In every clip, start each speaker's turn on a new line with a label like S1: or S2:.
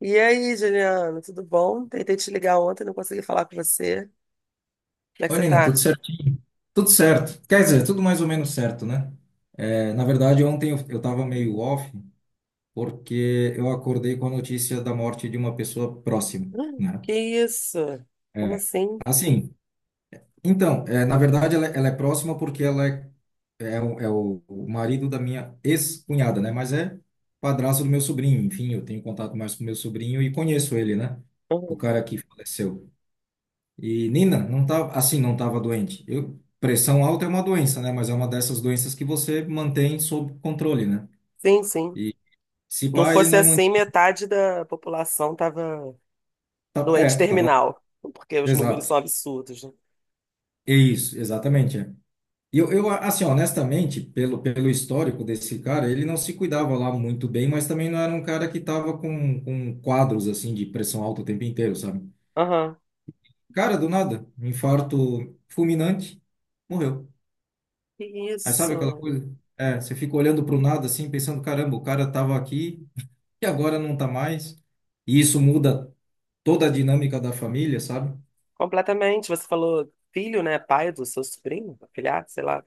S1: E aí, Juliana, tudo bom? Tentei te ligar ontem, não consegui falar com você. Como é que
S2: Oi,
S1: você
S2: Nina, tudo
S1: tá?
S2: certo? Tudo certo. Quer dizer, tudo mais ou menos certo, né? É, na verdade, ontem eu tava meio off porque eu acordei com a notícia da morte de uma pessoa próxima, né?
S1: Que isso? Como
S2: É,
S1: assim?
S2: assim, então, na verdade, ela é próxima porque ela é o marido da minha ex-cunhada, né? Mas é padrasto do meu sobrinho. Enfim, eu tenho contato mais com meu sobrinho e conheço ele, né? O
S1: Uhum.
S2: cara que faleceu. E Nina, não tava, assim, não estava doente. Pressão alta é uma doença, né? Mas é uma dessas doenças que você mantém sob controle, né?
S1: Sim, sim.
S2: E se
S1: Não
S2: pá, ele
S1: fosse
S2: não
S1: assim,
S2: mantinha.
S1: metade da população tava doente
S2: É, tava.
S1: terminal, porque os números são
S2: Exato.
S1: absurdos, né?
S2: É isso, exatamente. É. E eu, assim, honestamente, pelo histórico desse cara, ele não se cuidava lá muito bem, mas também não era um cara que tava com quadros, assim, de pressão alta o tempo inteiro, sabe?
S1: Aham.
S2: Cara, do nada, um infarto fulminante, morreu.
S1: Que
S2: Aí sabe aquela
S1: isso?
S2: coisa? É, você fica olhando para o nada assim, pensando, caramba, o cara estava aqui e agora não tá mais. E isso muda toda a dinâmica da família, sabe?
S1: Completamente. Você falou filho, né? Pai do seu sobrinho, afilhado, sei lá,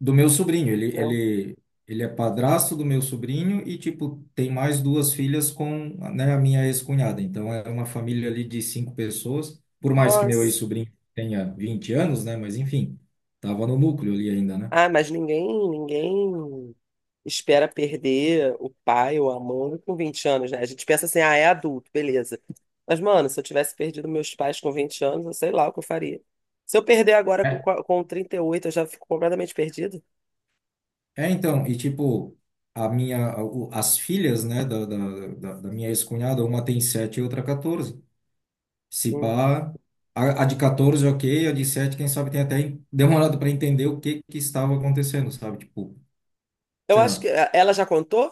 S2: Do meu sobrinho, ele,
S1: né?
S2: ele, ele é padrasto do meu sobrinho e, tipo, tem mais duas filhas com, né, a minha ex-cunhada. Então, é uma família ali de cinco pessoas. Por mais que meu
S1: Nossa.
S2: ex-sobrinho tenha 20 anos, né? Mas, enfim, tava no núcleo ali ainda, né?
S1: Ah, mas ninguém espera perder o pai ou a mãe com 20 anos, né? A gente pensa assim, ah, é adulto, beleza. Mas, mano, se eu tivesse perdido meus pais com 20 anos, eu sei lá o que eu faria. Se eu perder agora com 38 eu já fico completamente perdido.
S2: É, então, e tipo, a minha, as filhas, né, da minha ex-cunhada, uma tem 7 e outra 14. Se
S1: Hum.
S2: pá, a de 14, ok, a de 7 quem sabe tem até demorado para entender o que que estava acontecendo, sabe? Tipo,
S1: Eu
S2: sei
S1: acho
S2: lá.
S1: que ela já contou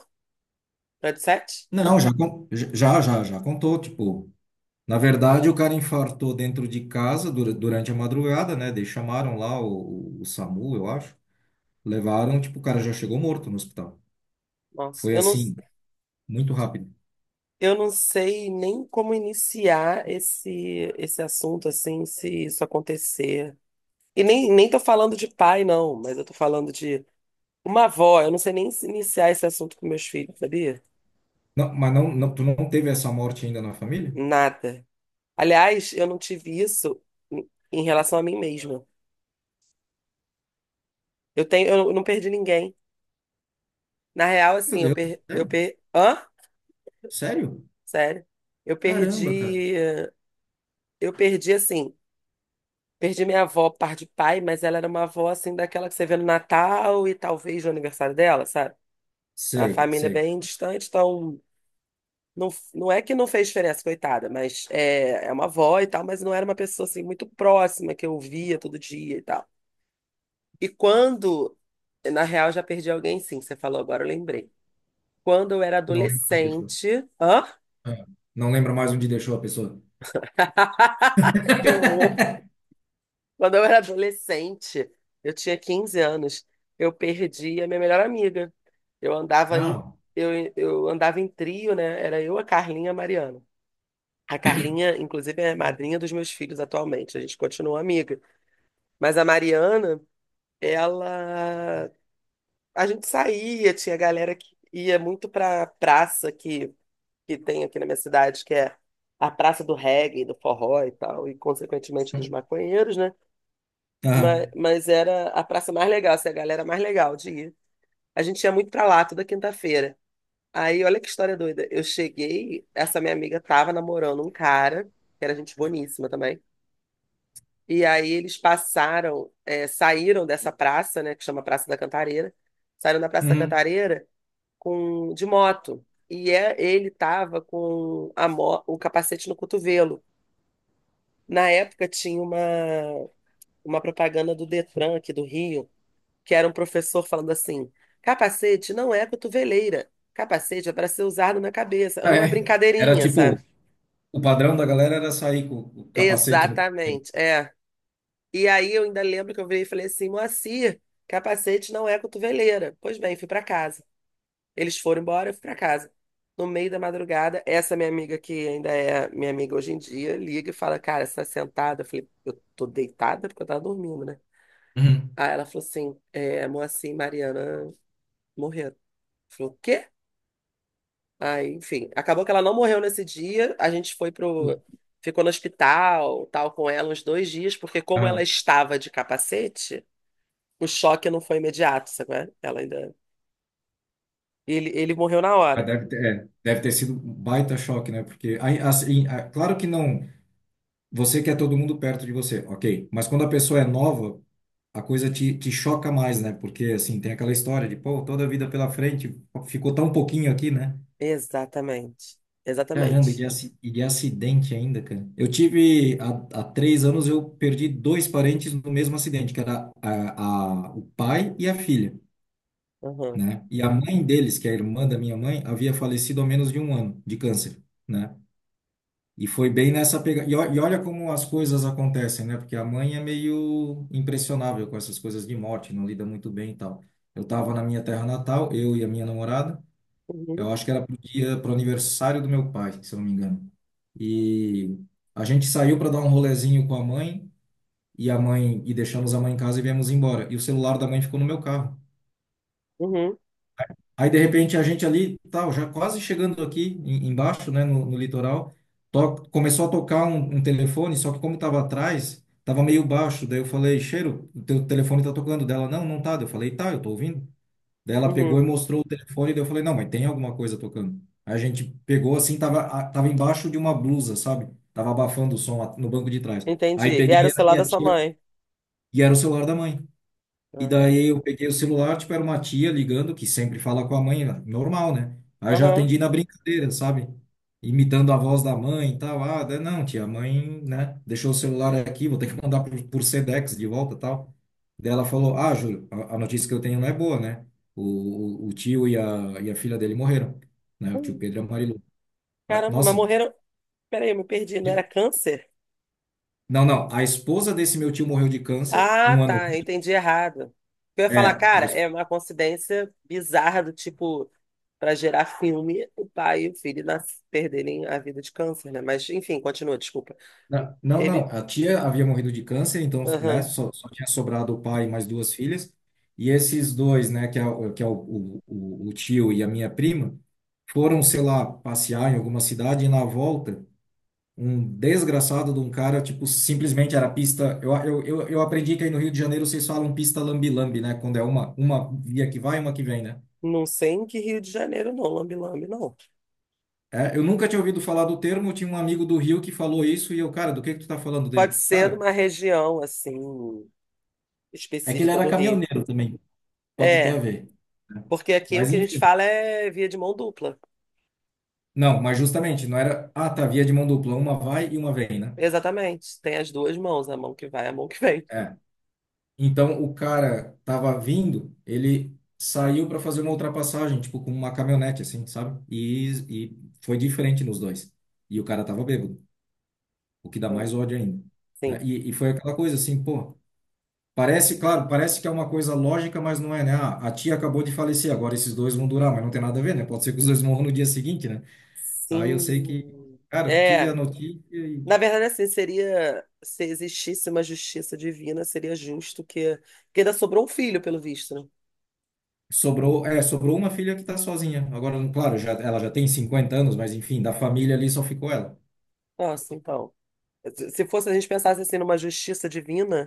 S1: pra 17?
S2: Não, já contou, tipo, na verdade o cara infartou dentro de casa durante a madrugada, né, daí chamaram lá o SAMU, eu acho, levaram, tipo, o cara já chegou morto no hospital.
S1: Nossa,
S2: Foi
S1: eu não,
S2: assim, muito rápido.
S1: eu não sei nem como iniciar esse assunto, assim, se isso acontecer. E nem tô falando de pai, não, mas eu tô falando de uma avó. Eu não sei nem se iniciar esse assunto com meus filhos, sabia?
S2: Não, mas não, não, tu não teve essa morte ainda na família?
S1: Nada. Aliás, eu não tive isso em relação a mim mesma. Eu não perdi ninguém. Na real,
S2: Meu
S1: assim,
S2: Deus, sério?
S1: hã?
S2: Sério?
S1: Sério? Eu
S2: Caramba, cara.
S1: perdi, eu perdi assim, Perdi minha avó por parte de pai, mas ela era uma avó assim daquela que você vê no Natal e talvez no aniversário dela, sabe? A
S2: Sei,
S1: família é
S2: sei.
S1: bem distante, então não, não é que não fez diferença, coitada, mas é uma avó e tal, mas não era uma pessoa assim muito próxima que eu via todo dia e tal. E quando Na real, já perdi alguém, sim. Você falou agora, eu lembrei. Quando eu era
S2: Não lembro onde deixou.
S1: adolescente. Hã?
S2: Ah, não lembra mais onde deixou a pessoa.
S1: Que horror! Quando eu era adolescente, eu tinha 15 anos, eu perdi a minha melhor amiga. Eu andava em,
S2: Ah,
S1: eu andava em trio, né? Era eu, a Carlinha e a Mariana. A Carlinha, inclusive, é madrinha dos meus filhos atualmente. A gente continua amiga. Mas a Mariana, ela. A gente saía, tinha galera que ia muito pra praça que tem aqui na minha cidade, que é a praça do reggae, do forró e tal, e consequentemente dos maconheiros, né?
S2: tá.
S1: Mas era a praça mais legal, assim, a galera mais legal de ir. A gente ia muito pra lá toda quinta-feira. Aí, olha que história doida. Eu cheguei, essa minha amiga tava namorando um cara, que era gente boníssima também. E aí eles passaram, é, saíram dessa praça, né, que chama Praça da Cantareira, saíram da Praça da
S2: Uhum.
S1: Cantareira com de moto. E ele estava com o capacete no cotovelo. Na época tinha uma propaganda do Detran aqui do Rio, que era um professor falando assim: capacete não é cotoveleira, capacete é para ser usado na cabeça. Era
S2: Ah,
S1: uma
S2: é. Era
S1: brincadeirinha,
S2: tipo,
S1: sabe?
S2: o padrão da galera era sair com o capacete no.
S1: Exatamente, é. E aí eu ainda lembro que eu virei e falei assim: Moacir, capacete não é cotoveleira. Pois bem, fui para casa. Eles foram embora, eu fui pra casa. No meio da madrugada, essa minha amiga que ainda é minha amiga hoje em dia, liga e fala, cara, você tá sentada? Eu falei, eu tô deitada porque eu tava dormindo, né?
S2: Uhum.
S1: Aí ela falou assim, é, Moacir e Mariana morreram. Eu falei, o quê? Aí, enfim, acabou que ela não morreu nesse dia, a gente foi pro... Ficou no hospital, tal, com ela uns dois dias, porque como ela
S2: Ah,
S1: estava de capacete, o choque não foi imediato, sabe? Qual é? Ela ainda... Ele morreu na
S2: mas
S1: hora.
S2: deve ter, deve ter sido um baita choque, né? Porque, aí, assim, ah, claro que não, você quer todo mundo perto de você, ok. Mas quando a pessoa é nova, a coisa te choca mais, né? Porque, assim, tem aquela história de, pô, toda a vida pela frente, ficou tão pouquinho aqui, né?
S1: Exatamente,
S2: Caramba,
S1: exatamente.
S2: e de acidente ainda, cara. Eu tive, há 3 anos, eu perdi dois parentes no mesmo acidente, que era o pai e a filha,
S1: Uhum.
S2: né? E a mãe deles, que é a irmã da minha mãe, havia falecido há menos de um ano de câncer, né? E foi bem nessa pegada. E olha como as coisas acontecem, né? Porque a mãe é meio impressionável com essas coisas de morte, não lida muito bem e tal. Eu tava na minha terra natal, eu e a minha namorada.
S1: Uhum.
S2: Eu acho que era pro aniversário do meu pai, se eu não me engano. E a gente saiu para dar um rolezinho com a mãe e deixamos a mãe em casa e viemos embora. E o celular da mãe ficou no meu carro.
S1: Uhum.
S2: Aí, de repente, a gente ali, tal, já quase chegando aqui embaixo, né, no litoral, começou a tocar um telefone, só que como estava atrás, estava meio baixo. Daí eu falei, Cheiro, o teu telefone está tocando. Dela, não, não tá. Daí eu falei, tá, eu tô ouvindo. Daí ela pegou e
S1: Uhum.
S2: mostrou o telefone, daí eu falei, não, mas tem alguma coisa tocando. Aí a gente pegou assim, tava, tava embaixo de uma blusa, sabe? Tava abafando o som lá no banco de trás.
S1: Entendi.
S2: Aí
S1: E era
S2: peguei,
S1: o
S2: era
S1: celular da
S2: minha
S1: sua
S2: tia,
S1: mãe.
S2: e era o celular da mãe. E
S1: Uhum.
S2: daí eu peguei o celular, tipo, era uma tia ligando, que sempre fala com a mãe, né? Normal, né? Aí eu já
S1: Aham.
S2: atendi na brincadeira, sabe? Imitando a voz da mãe e tal. Ah, daí, não, tia, a mãe, né? Deixou o celular aqui, vou ter que mandar por Sedex de volta e tal. Daí ela falou, ah, Júlio, a notícia que eu tenho não é boa, né? O, o tio e e a filha dele morreram, né? O tio
S1: Hum,
S2: Pedro e a Marilu. Ah,
S1: caramba, mas
S2: nossa,
S1: morreram. Peraí, eu me perdi. Não era
S2: de-
S1: câncer?
S2: não, não, a esposa desse meu tio morreu de câncer
S1: Ah,
S2: um ano.
S1: tá. Eu entendi errado. Eu ia falar,
S2: É, a
S1: cara,
S2: es-
S1: é uma coincidência bizarra do tipo, para gerar filme, o pai e o filho nas... perderem a vida de câncer, né? Mas, enfim, continua, desculpa.
S2: Não, não,
S1: Ele.
S2: a tia havia morrido de câncer, então, né,
S1: Aham.
S2: só tinha sobrado o pai e mais duas filhas, e esses dois, né, que é o tio e a minha prima, foram, sei lá, passear em alguma cidade e na volta, um desgraçado de um cara, tipo, simplesmente era pista, eu aprendi que aí no Rio de Janeiro vocês falam pista lambi-lambi, né, quando é uma via que vai e uma que vem, né?
S1: Não sei em que Rio de Janeiro, não, lambe-lambe, não.
S2: É, eu nunca tinha ouvido falar do termo, tinha um amigo do Rio que falou isso, e eu, cara, do que tu tá falando
S1: Pode
S2: dele?
S1: ser de
S2: Cara,
S1: uma região, assim,
S2: é que ele
S1: específica
S2: era
S1: do Rio.
S2: caminhoneiro também. Pode ter a
S1: É.
S2: ver, né?
S1: Porque aqui o
S2: Mas
S1: que a gente
S2: enfim.
S1: fala é via de mão dupla.
S2: Não, mas justamente, não era. Ah, tá, via de mão dupla, uma vai e uma vem, né?
S1: Exatamente. Tem as duas mãos, a mão que vai e a mão que vem.
S2: É. Então o cara tava vindo, ele saiu para fazer uma ultrapassagem, tipo com uma caminhonete, assim, sabe? E foi diferente nos dois. E o cara tava bêbado, o que dá
S1: Então.
S2: mais ódio ainda,
S1: Sim.
S2: né? E foi aquela coisa assim, pô. Parece, claro, parece que é uma coisa lógica, mas não é, né? Ah, a tia acabou de falecer, agora esses dois vão durar, mas não tem nada a ver, né? Pode ser que os dois morram no dia seguinte, né? Aí eu sei que,
S1: Sim.
S2: cara, tive a
S1: É.
S2: notícia e
S1: Na verdade, assim, seria. Se existisse uma justiça divina, seria justo que. Porque ainda sobrou um filho, pelo visto, né?
S2: sobrou, sobrou uma filha que tá sozinha. Agora, claro, ela já tem 50 anos, mas enfim, da família ali só ficou ela.
S1: Nossa, então. Se se fosse a gente pensasse assim numa justiça divina,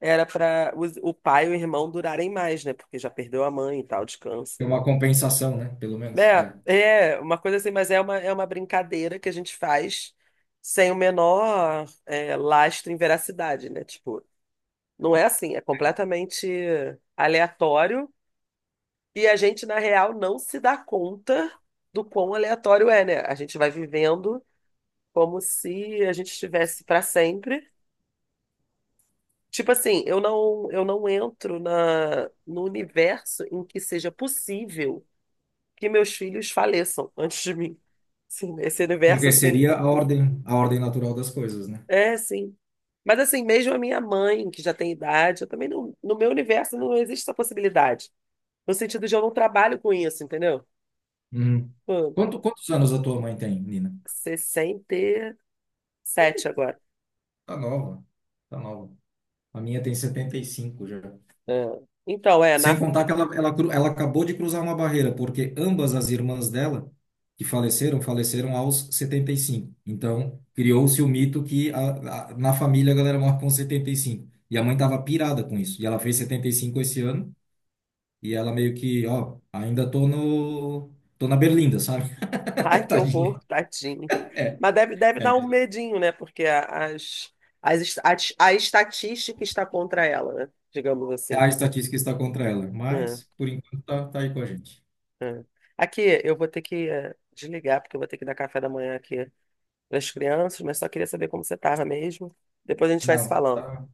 S1: era para o pai e o irmão durarem mais, né? Porque já perdeu a mãe e tal, de
S2: Tem
S1: câncer.
S2: uma compensação, né? Pelo menos.
S1: É,
S2: É.
S1: é uma coisa assim, mas é uma brincadeira que a gente faz sem o menor lastro em veracidade, né? Tipo, não é assim, é completamente aleatório e a gente, na real, não se dá conta do quão aleatório é, né? A gente vai vivendo como se a gente estivesse para sempre. Tipo assim, eu não entro no universo em que seja possível que meus filhos faleçam antes de mim. Sim, esse universo
S2: Porque
S1: assim.
S2: seria a ordem, natural das coisas, né?
S1: É, sim. Mas assim, mesmo a minha mãe, que já tem idade, eu também não, no meu universo não existe essa possibilidade. No sentido de eu não trabalho com isso, entendeu?
S2: Uhum.
S1: Pô,
S2: Quantos anos a tua mãe tem, Nina?
S1: 67 agora.
S2: Tá nova. Tá nova. A minha tem 75 já.
S1: É. Então, é,
S2: Sem
S1: na.
S2: contar que ela, ela acabou de cruzar uma barreira, porque ambas as irmãs dela, que faleceram, faleceram aos 75. Então, criou-se o mito que na família a galera morre com 75. E cinco. E a mãe estava pirada com isso. E ela fez 75 esse ano, e ela meio que, ó, ainda tô no, tô na berlinda, sabe?
S1: Ai, que
S2: Tadinha.
S1: horror, tadinho.
S2: É,
S1: Mas deve
S2: é,
S1: dar um medinho, né? Porque a estatística está contra ela, né? Digamos assim.
S2: a estatística está contra ela,
S1: É,
S2: mas por enquanto tá aí com a gente.
S1: é. Aqui, eu vou ter que desligar, porque eu vou ter que dar café da manhã aqui das crianças, mas só queria saber como você estava mesmo. Depois a gente vai se
S2: Não,
S1: falando,
S2: tá,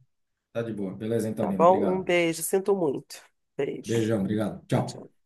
S2: tá de boa. Beleza, então,
S1: tá
S2: linda.
S1: bom? Um
S2: Obrigado.
S1: beijo, sinto muito. Beijo.
S2: Beijão, obrigado.
S1: Tchau,
S2: Tchau.
S1: tchau.